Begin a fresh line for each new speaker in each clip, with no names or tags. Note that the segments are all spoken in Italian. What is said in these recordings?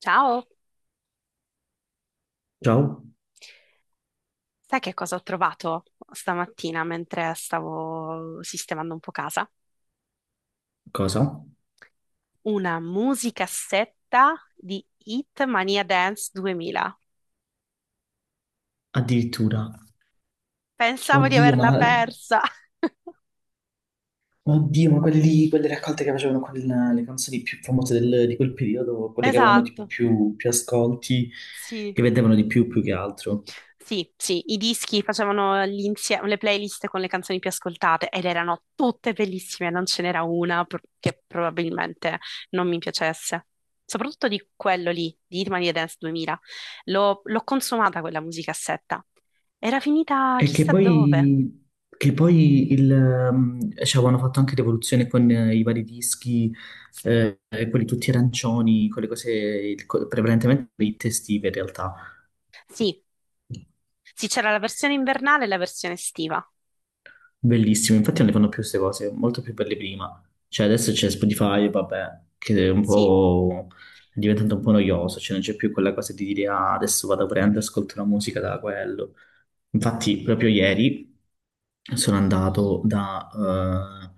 Ciao,
Ciao,
sai che cosa ho trovato stamattina mentre stavo sistemando un po' casa?
cosa?
Una musicassetta di Hit Mania Dance 2000.
Addirittura.
Pensavo di
Oddio,
averla
ma,
persa.
oddio, ma quelle raccolte che facevano con le canzoni più famose di quel periodo, quelle che avevano tipo
Esatto,
più ascolti,
sì.
che vendevano di più che altro.
Sì, sì, i dischi facevano le playlist con le canzoni più ascoltate ed erano tutte bellissime, non ce n'era una che probabilmente non mi piacesse. Soprattutto di quello lì, di Hitmania Dance 2000. L'ho consumata quella musicassetta. Era finita
E che
chissà dove.
poi, che poi ci avevano fatto anche rivoluzione con i vari dischi, eh, quelli tutti arancioni, quelle cose, prevalentemente le estive in realtà.
Sì, sì, c'era la versione invernale e la versione estiva.
Bellissimo, infatti non le fanno più queste cose, molto più belle prima. Cioè adesso c'è Spotify, vabbè, che è un
Sì,
po' è diventato un po' noioso, cioè non c'è più quella cosa di dire ah, adesso vado a prendere, ascolto la musica da quello. Infatti, proprio ieri sono andato da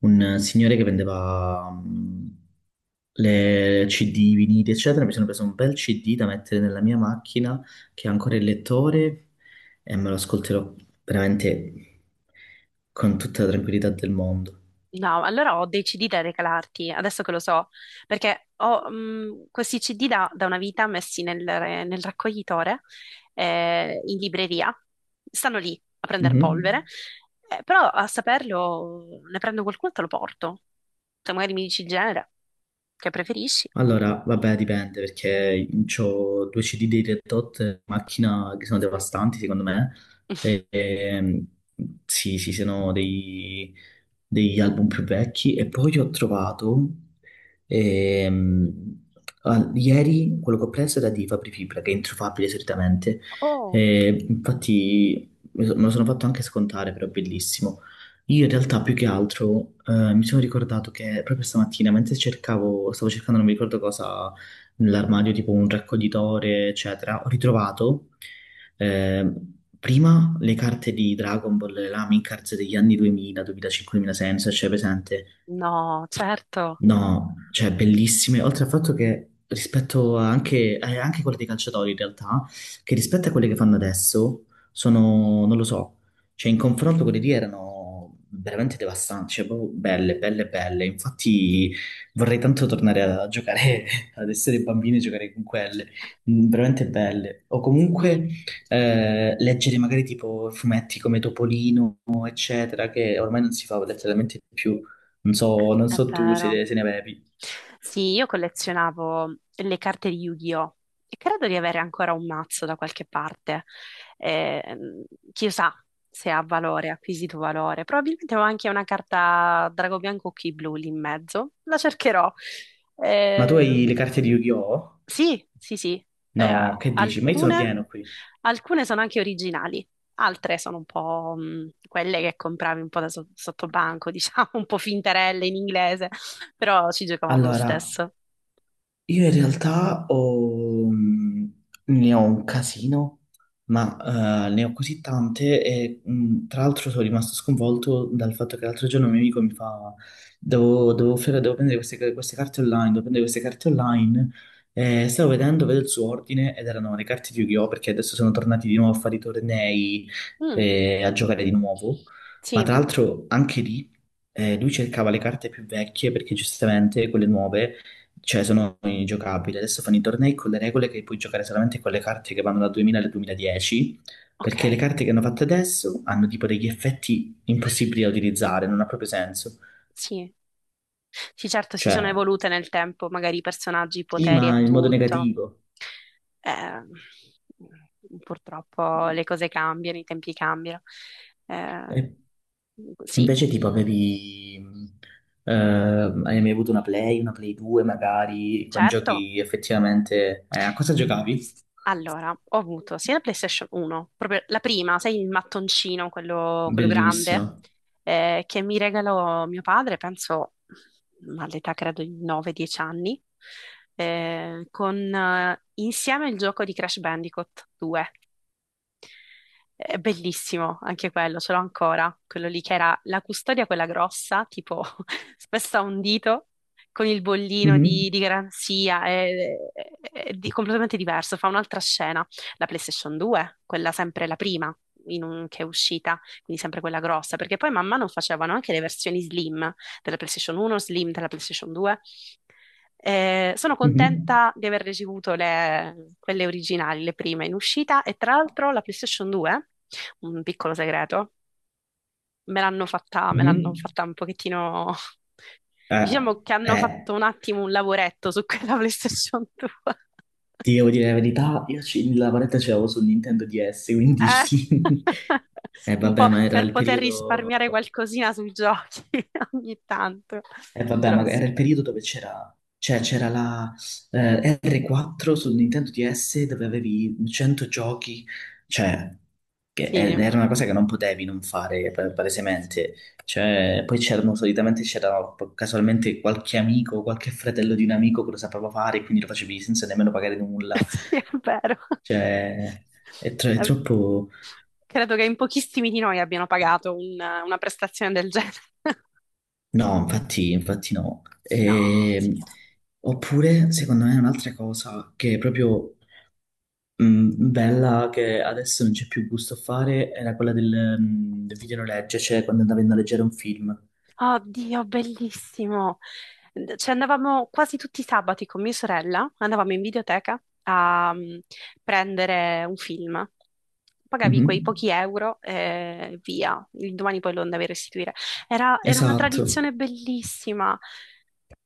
un signore che vendeva le CD, vinili, eccetera. Mi sono preso un bel CD da mettere nella mia macchina che ha ancora il lettore e me lo ascolterò veramente con tutta la tranquillità del mondo.
no, allora ho dei CD da regalarti, adesso che lo so, perché ho questi CD da una vita messi nel raccoglitore, in libreria. Stanno lì a prendere
Mhm.
polvere, però a saperlo ne prendo qualcuno e te lo porto. Se magari mi dici il genere che preferisci.
Allora, vabbè, dipende perché ho due CD dei Red Hot in macchina che sono devastanti, secondo me. E, ehm, sì, sì, sono degli album più vecchi. E poi ho trovato ehm, ieri quello che ho preso era di Fabri Fibra, che è introfabile solitamente.
Oh,
E infatti me lo sono fatto anche scontare, però è bellissimo. Io in realtà più che altro mi sono ricordato che proprio stamattina, stavo cercando non mi ricordo cosa nell'armadio, tipo un raccoglitore, eccetera, ho ritrovato eh, prima le carte di Dragon Ball, le Lamin cards degli anni 2000, 2005, 2006, non so se c'è presente.
no, certo,
No, cioè bellissime, oltre al fatto che rispetto a anche quelle dei calciatori in realtà, che rispetto a quelle che fanno adesso, sono, non lo so, cioè in confronto quelle lì erano veramente devastanti, cioè proprio belle, belle, belle, infatti vorrei tanto tornare a giocare, ad essere bambini e giocare con quelle, veramente belle, o comunque
sì,
leggere magari tipo fumetti come Topolino, eccetera, che ormai non si fa letteralmente più. Non
è
so tu
vero.
se ne avevi.
Sì, io collezionavo le carte di Yu-Gi-Oh! E credo di avere ancora un mazzo da qualche parte. Ehm, chissà se ha valore, ha acquisito valore. Probabilmente ho anche una carta Drago Bianco Occhi Blu lì in mezzo. La cercherò.
Ma tu
Eh,
hai le carte di Yu-Gi-Oh?
sì, sì, sì. Eh,
No, che dici? Ma io sono
alcune,
pieno qui.
alcune sono anche originali, altre sono un po' quelle che compravi un po' da sottobanco, diciamo, un po' finterelle in inglese, però ci giocavamo lo
Allora,
stesso.
io in realtà ne ho un casino, ma ne ho così tante e tra l'altro sono rimasto sconvolto dal fatto che l'altro giorno un mio amico mi fa, devo prendere queste carte online, devo prendere queste carte online, e vedo il suo ordine ed erano le carte di Yu-Gi-Oh! Perché adesso sono tornati di nuovo a fare i tornei
Mm,
e a giocare di nuovo, ma
sì,
tra l'altro anche lì lui cercava le carte più vecchie perché giustamente quelle nuove cioè sono ingiocabili. Adesso fanno i tornei con le regole che puoi giocare solamente con le carte che vanno dal 2000 al 2010, perché le
ok,
carte che hanno fatto adesso hanno tipo degli effetti impossibili da utilizzare, non ha proprio senso.
sì. Sì, certo, si sono
Cioè,
evolute nel tempo, magari i personaggi, i
sì,
poteri
ma
e
in modo
tutto.
negativo.
Eh, purtroppo le cose cambiano, i tempi cambiano. Eh,
E
sì,
invece tipo hai mai avuto una Play 2 magari, con
certo.
giochi effettivamente. A cosa giocavi?
Allora, ho avuto sia la PlayStation 1, proprio la prima, sai, il mattoncino, quello grande,
Bellissimo.
che mi regalò mio padre, penso all'età credo di 9-10 anni, con insieme il gioco di Crash Bandicoot 2. È bellissimo anche quello, ce l'ho ancora, quello lì che era la custodia, quella grossa, tipo spessa a un dito, con il bollino di,
Mhm,
di garanzia, è- è completamente diverso, fa un'altra scena. La PlayStation 2, quella sempre la prima che è uscita, quindi sempre quella grossa, perché poi man mano facevano anche le versioni slim della PlayStation 1, slim della PlayStation 2, sono
mhm,
contenta di aver ricevuto quelle originali, le prime in uscita e tra l'altro la PlayStation 2, un piccolo segreto, me l'hanno fatta, me l'hanno
mhm.
fatta un pochettino,
Eh,
diciamo che hanno fatto
eh,
un attimo un lavoretto su quella PlayStation 2.
Ti devo dire la verità, la paletta ce l'avevo su Nintendo DS, quindi
Eh,
sì. Eh
Un
vabbè,
po'
ma era
per
il
poter
periodo...
risparmiare qualcosina sui giochi ogni tanto.
Eh vabbè,
Però
ma era il periodo dove c'era. Cioè, c'era la R4 su Nintendo DS dove avevi 100 giochi, cioè, che
sì,
era una cosa che non potevi non fare,
sì,
palesemente. Cioè, poi c'erano, solitamente c'era casualmente qualche amico, qualche fratello di un amico che lo sapeva fare, quindi lo facevi senza nemmeno pagare nulla.
sì, è vero.
Cioè. È
È
troppo.
Credo che in pochissimi di noi abbiano pagato una prestazione del genere.
No, infatti, no.
No, signora.
Oppure, secondo me, un'altra cosa che è proprio bella, che adesso non c'è più gusto a fare, era quella del videonoleggio, cioè quando andavi a noleggiare un film.
Oddio, bellissimo. Ci andavamo quasi tutti i sabati con mia sorella, andavamo in videoteca a prendere un film. Pagavi quei
Mhm.
pochi euro e via. Il domani poi lo andavi a restituire. Era una
Esatto.
tradizione bellissima.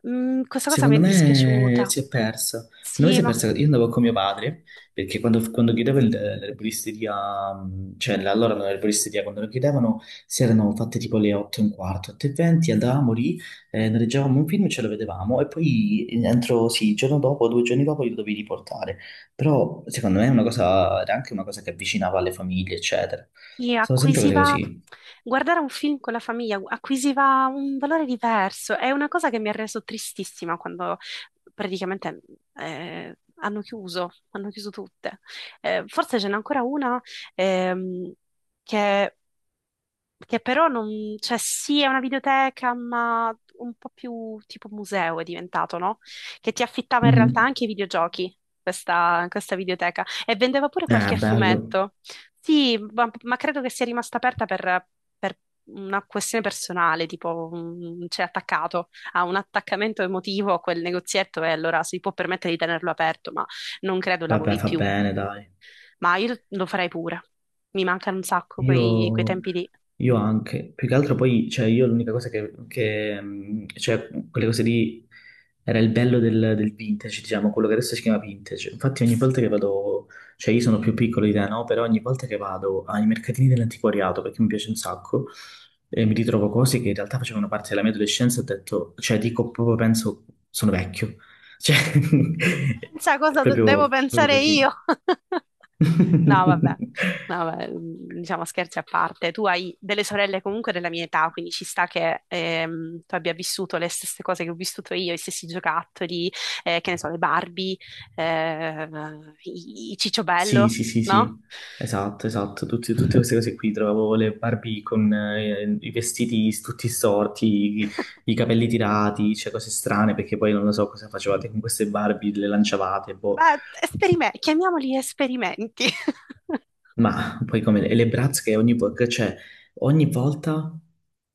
Questa cosa mi è
Secondo me
dispiaciuta.
si è persa. Secondo me
Sì,
si è
ma
persa. Io andavo con mio padre perché quando chiudeva l'erboristeria, cioè allora non l'erboristeria, quando lo chiudevano si erano fatte tipo le 8 e un quarto, 8 e 20, andavamo lì, noleggiavamo un film e ce lo vedevamo e poi entro, sì, il giorno dopo, 2 giorni dopo li dovevi riportare. Però secondo me è una cosa, era anche una cosa che avvicinava alle famiglie, eccetera.
sì,
Sono sempre cose così.
guardare un film con la famiglia acquisiva un valore diverso. È una cosa che mi ha reso tristissima quando praticamente hanno chiuso tutte. Forse ce n'è ancora una ehm, che che però non, cioè sì, è una videoteca, ma un po' più tipo museo è diventato, no? Che ti affittava in realtà
Mhm.
anche i videogiochi, questa videoteca, e vendeva pure qualche
Bello.
fumetto. Sì, ma credo che sia rimasta aperta per una questione personale, tipo c'è attaccato a un attaccamento emotivo a quel negozietto e allora si può permettere di tenerlo aperto, ma non credo
Vabbè,
lavori
fa
più.
bene, dai.
Ma io lo farei pure. Mi mancano un sacco quei
Io,
tempi lì.
io anche, più che altro poi, cioè io l'unica cosa cioè quelle cose lì, era il bello del vintage, diciamo, quello che adesso si chiama vintage. Infatti ogni volta che vado, cioè io sono più piccolo di te, no? Però ogni volta che vado ai mercatini dell'antiquariato, perché mi piace un sacco, e mi ritrovo cose che in realtà facevano parte della mia adolescenza, ho detto, cioè dico proprio, penso, sono vecchio. Cioè.
Pensa
È
cosa devo
proprio
pensare
così.
io. No, vabbè, no, vabbè, diciamo scherzi a parte. Tu hai delle sorelle comunque della mia età, quindi ci sta che tu abbia vissuto le stesse cose che ho vissuto io, i stessi giocattoli, che ne so, le Barbie, eh, i
Sì,
Cicciobello,
sì, sì,
no?
sì, esatto, esatto. Tutte queste cose qui, trovavo le Barbie con i vestiti tutti storti, i, i capelli tirati, cioè cose strane, perché poi non lo so cosa facevate con queste Barbie, le lanciavate, boh,
Beh, chiamiamoli esperimenti.
ma poi come e le Bratz che che, cioè, ogni volta,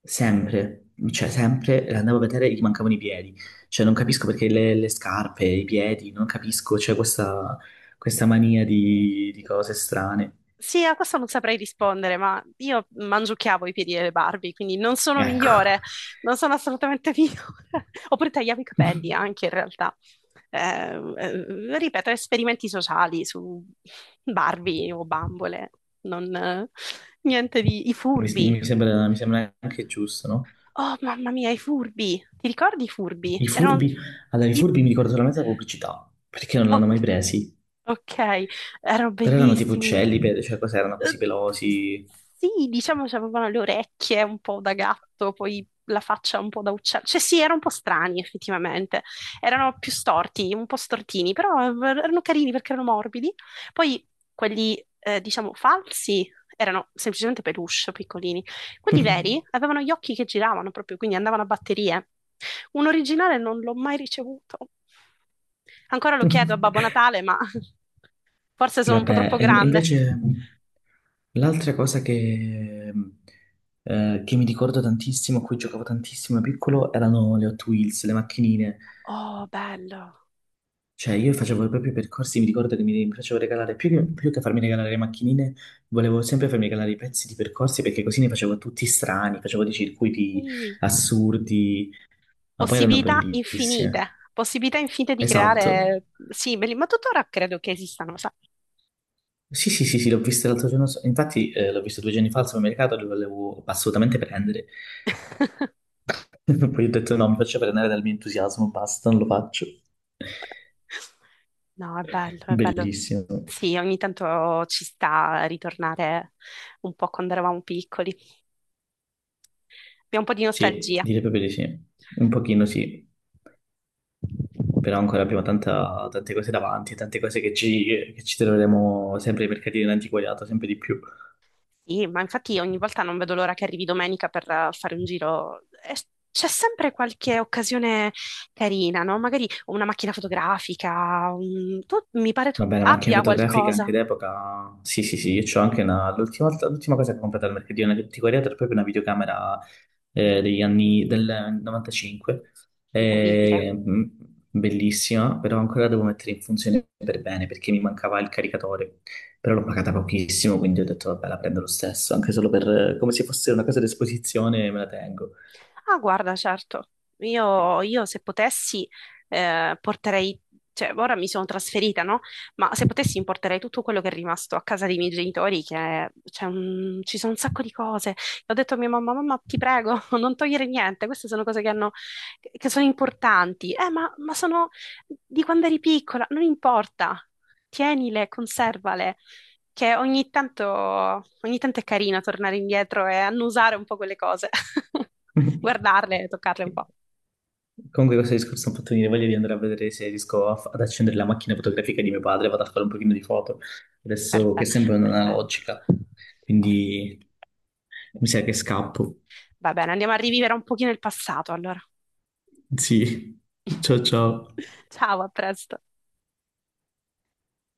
sempre, cioè sempre, le andavo a vedere e gli mancavano i piedi, cioè non capisco perché le scarpe, i piedi, non capisco, c'è questa mania di cose strane,
Sì, a questo non saprei rispondere, ma io mangiucchiavo i piedi delle Barbie, quindi non sono
ecco.
migliore, non sono assolutamente migliore. Oppure tagliavo i capelli anche in realtà. Ripeto, esperimenti sociali su Barbie o bambole, non, niente di. I
mi,
furbi.
mi sembra, mi sembra anche giusto, no?
Oh, mamma mia, i furbi. Ti ricordi i
I
furbi? Erano.
furbi, allora i
i-
furbi mi ricordo solamente la pubblicità, perché non l'hanno
Ok,
mai presi,
ok, erano
però erano tipo
bellissimi.
uccelli, cioè cos'erano erano così
Eh,
pelosi.
Sì, diciamo che avevano le orecchie un po' da gatto, poi la faccia un po' da uccello. Cioè sì, erano un po' strani effettivamente. Erano più storti, un po' stortini, però erano carini perché erano morbidi. Poi quelli, diciamo, falsi erano semplicemente peluche, piccolini. Quelli veri avevano gli occhi che giravano proprio, quindi andavano a batterie. Un originale non l'ho mai ricevuto. Ancora lo chiedo a Babbo Natale, ma. Forse sono un po'
Vabbè,
troppo
e
grande.
invece l'altra cosa che mi ricordo tantissimo, a cui giocavo tantissimo da piccolo, erano le Hot Wheels, le macchinine.
Oh, bello.
Cioè, io facevo proprio i percorsi, mi ricordo che mi piacevo regalare, più che farmi regalare le macchinine, volevo sempre farmi regalare i pezzi di percorsi perché così ne facevo tutti strani, facevo dei circuiti
Sì.
assurdi, ma poi erano
Possibilità
bellissime.
infinite. Possibilità infinite di
Esatto.
creare. Sì, ma tuttora credo che esistano, sai?
Sì, sì, sì, sì, l'ho vista l'altro giorno, so, infatti l'ho visto 2 giorni fa al supermercato, lo volevo assolutamente prendere. Poi ho detto no, mi faccio prendere dal mio entusiasmo, basta, non lo faccio.
No, è bello, è bello.
Bellissimo.
Sì, ogni tanto ci sta a ritornare un po' quando eravamo piccoli. Abbiamo un po' di
Sì,
nostalgia.
direi proprio di sì. Un pochino sì. Però ancora abbiamo tante cose davanti, tante cose che ci troveremo sempre ai mercatini dell'antiquariato, sempre di più.
Sì, ma infatti ogni volta non vedo l'ora che arrivi domenica per fare un giro. E c'è sempre qualche occasione carina, no? Magari una macchina fotografica, mi pare tu
Va bene, macchine
abbia
fotografiche anche
qualcosa.
d'epoca, sì sì sì, io c'ho anche una. L'ultima cosa che ho comprato al mercatino dell'antiquariato era proprio una videocamera degli anni del 95,
Incredibile.
eh, mh, bellissima, però ancora la devo mettere in funzione per bene perché mi mancava il caricatore, però l'ho pagata pochissimo, quindi ho detto vabbè la prendo lo stesso, anche solo per come se fosse una cosa d'esposizione me la tengo.
Ah, guarda, certo, io se potessi porterei, cioè ora mi sono trasferita, no? Ma se potessi importerei tutto quello che è rimasto a casa dei miei genitori, che c'è ci sono un sacco di cose. E ho detto a mia mamma, mamma, ti prego, non togliere niente, queste sono cose che sono importanti. Ma sono di quando eri piccola, non importa, tienile, conservale che ogni tanto è carino tornare indietro e annusare un po' quelle cose, guardarle, toccarle un po'.
Comunque questo discorso mi ha fatto venire voglia di andare a vedere se riesco a ad accendere la macchina fotografica di mio padre, vado a fare un pochino di foto, adesso che
Perfe-
è sempre
Perfetto.
un'analogica, quindi mi sa che scappo.
Va bene, andiamo a rivivere un pochino il passato allora.
Sì, ciao ciao.
Ciao, a presto.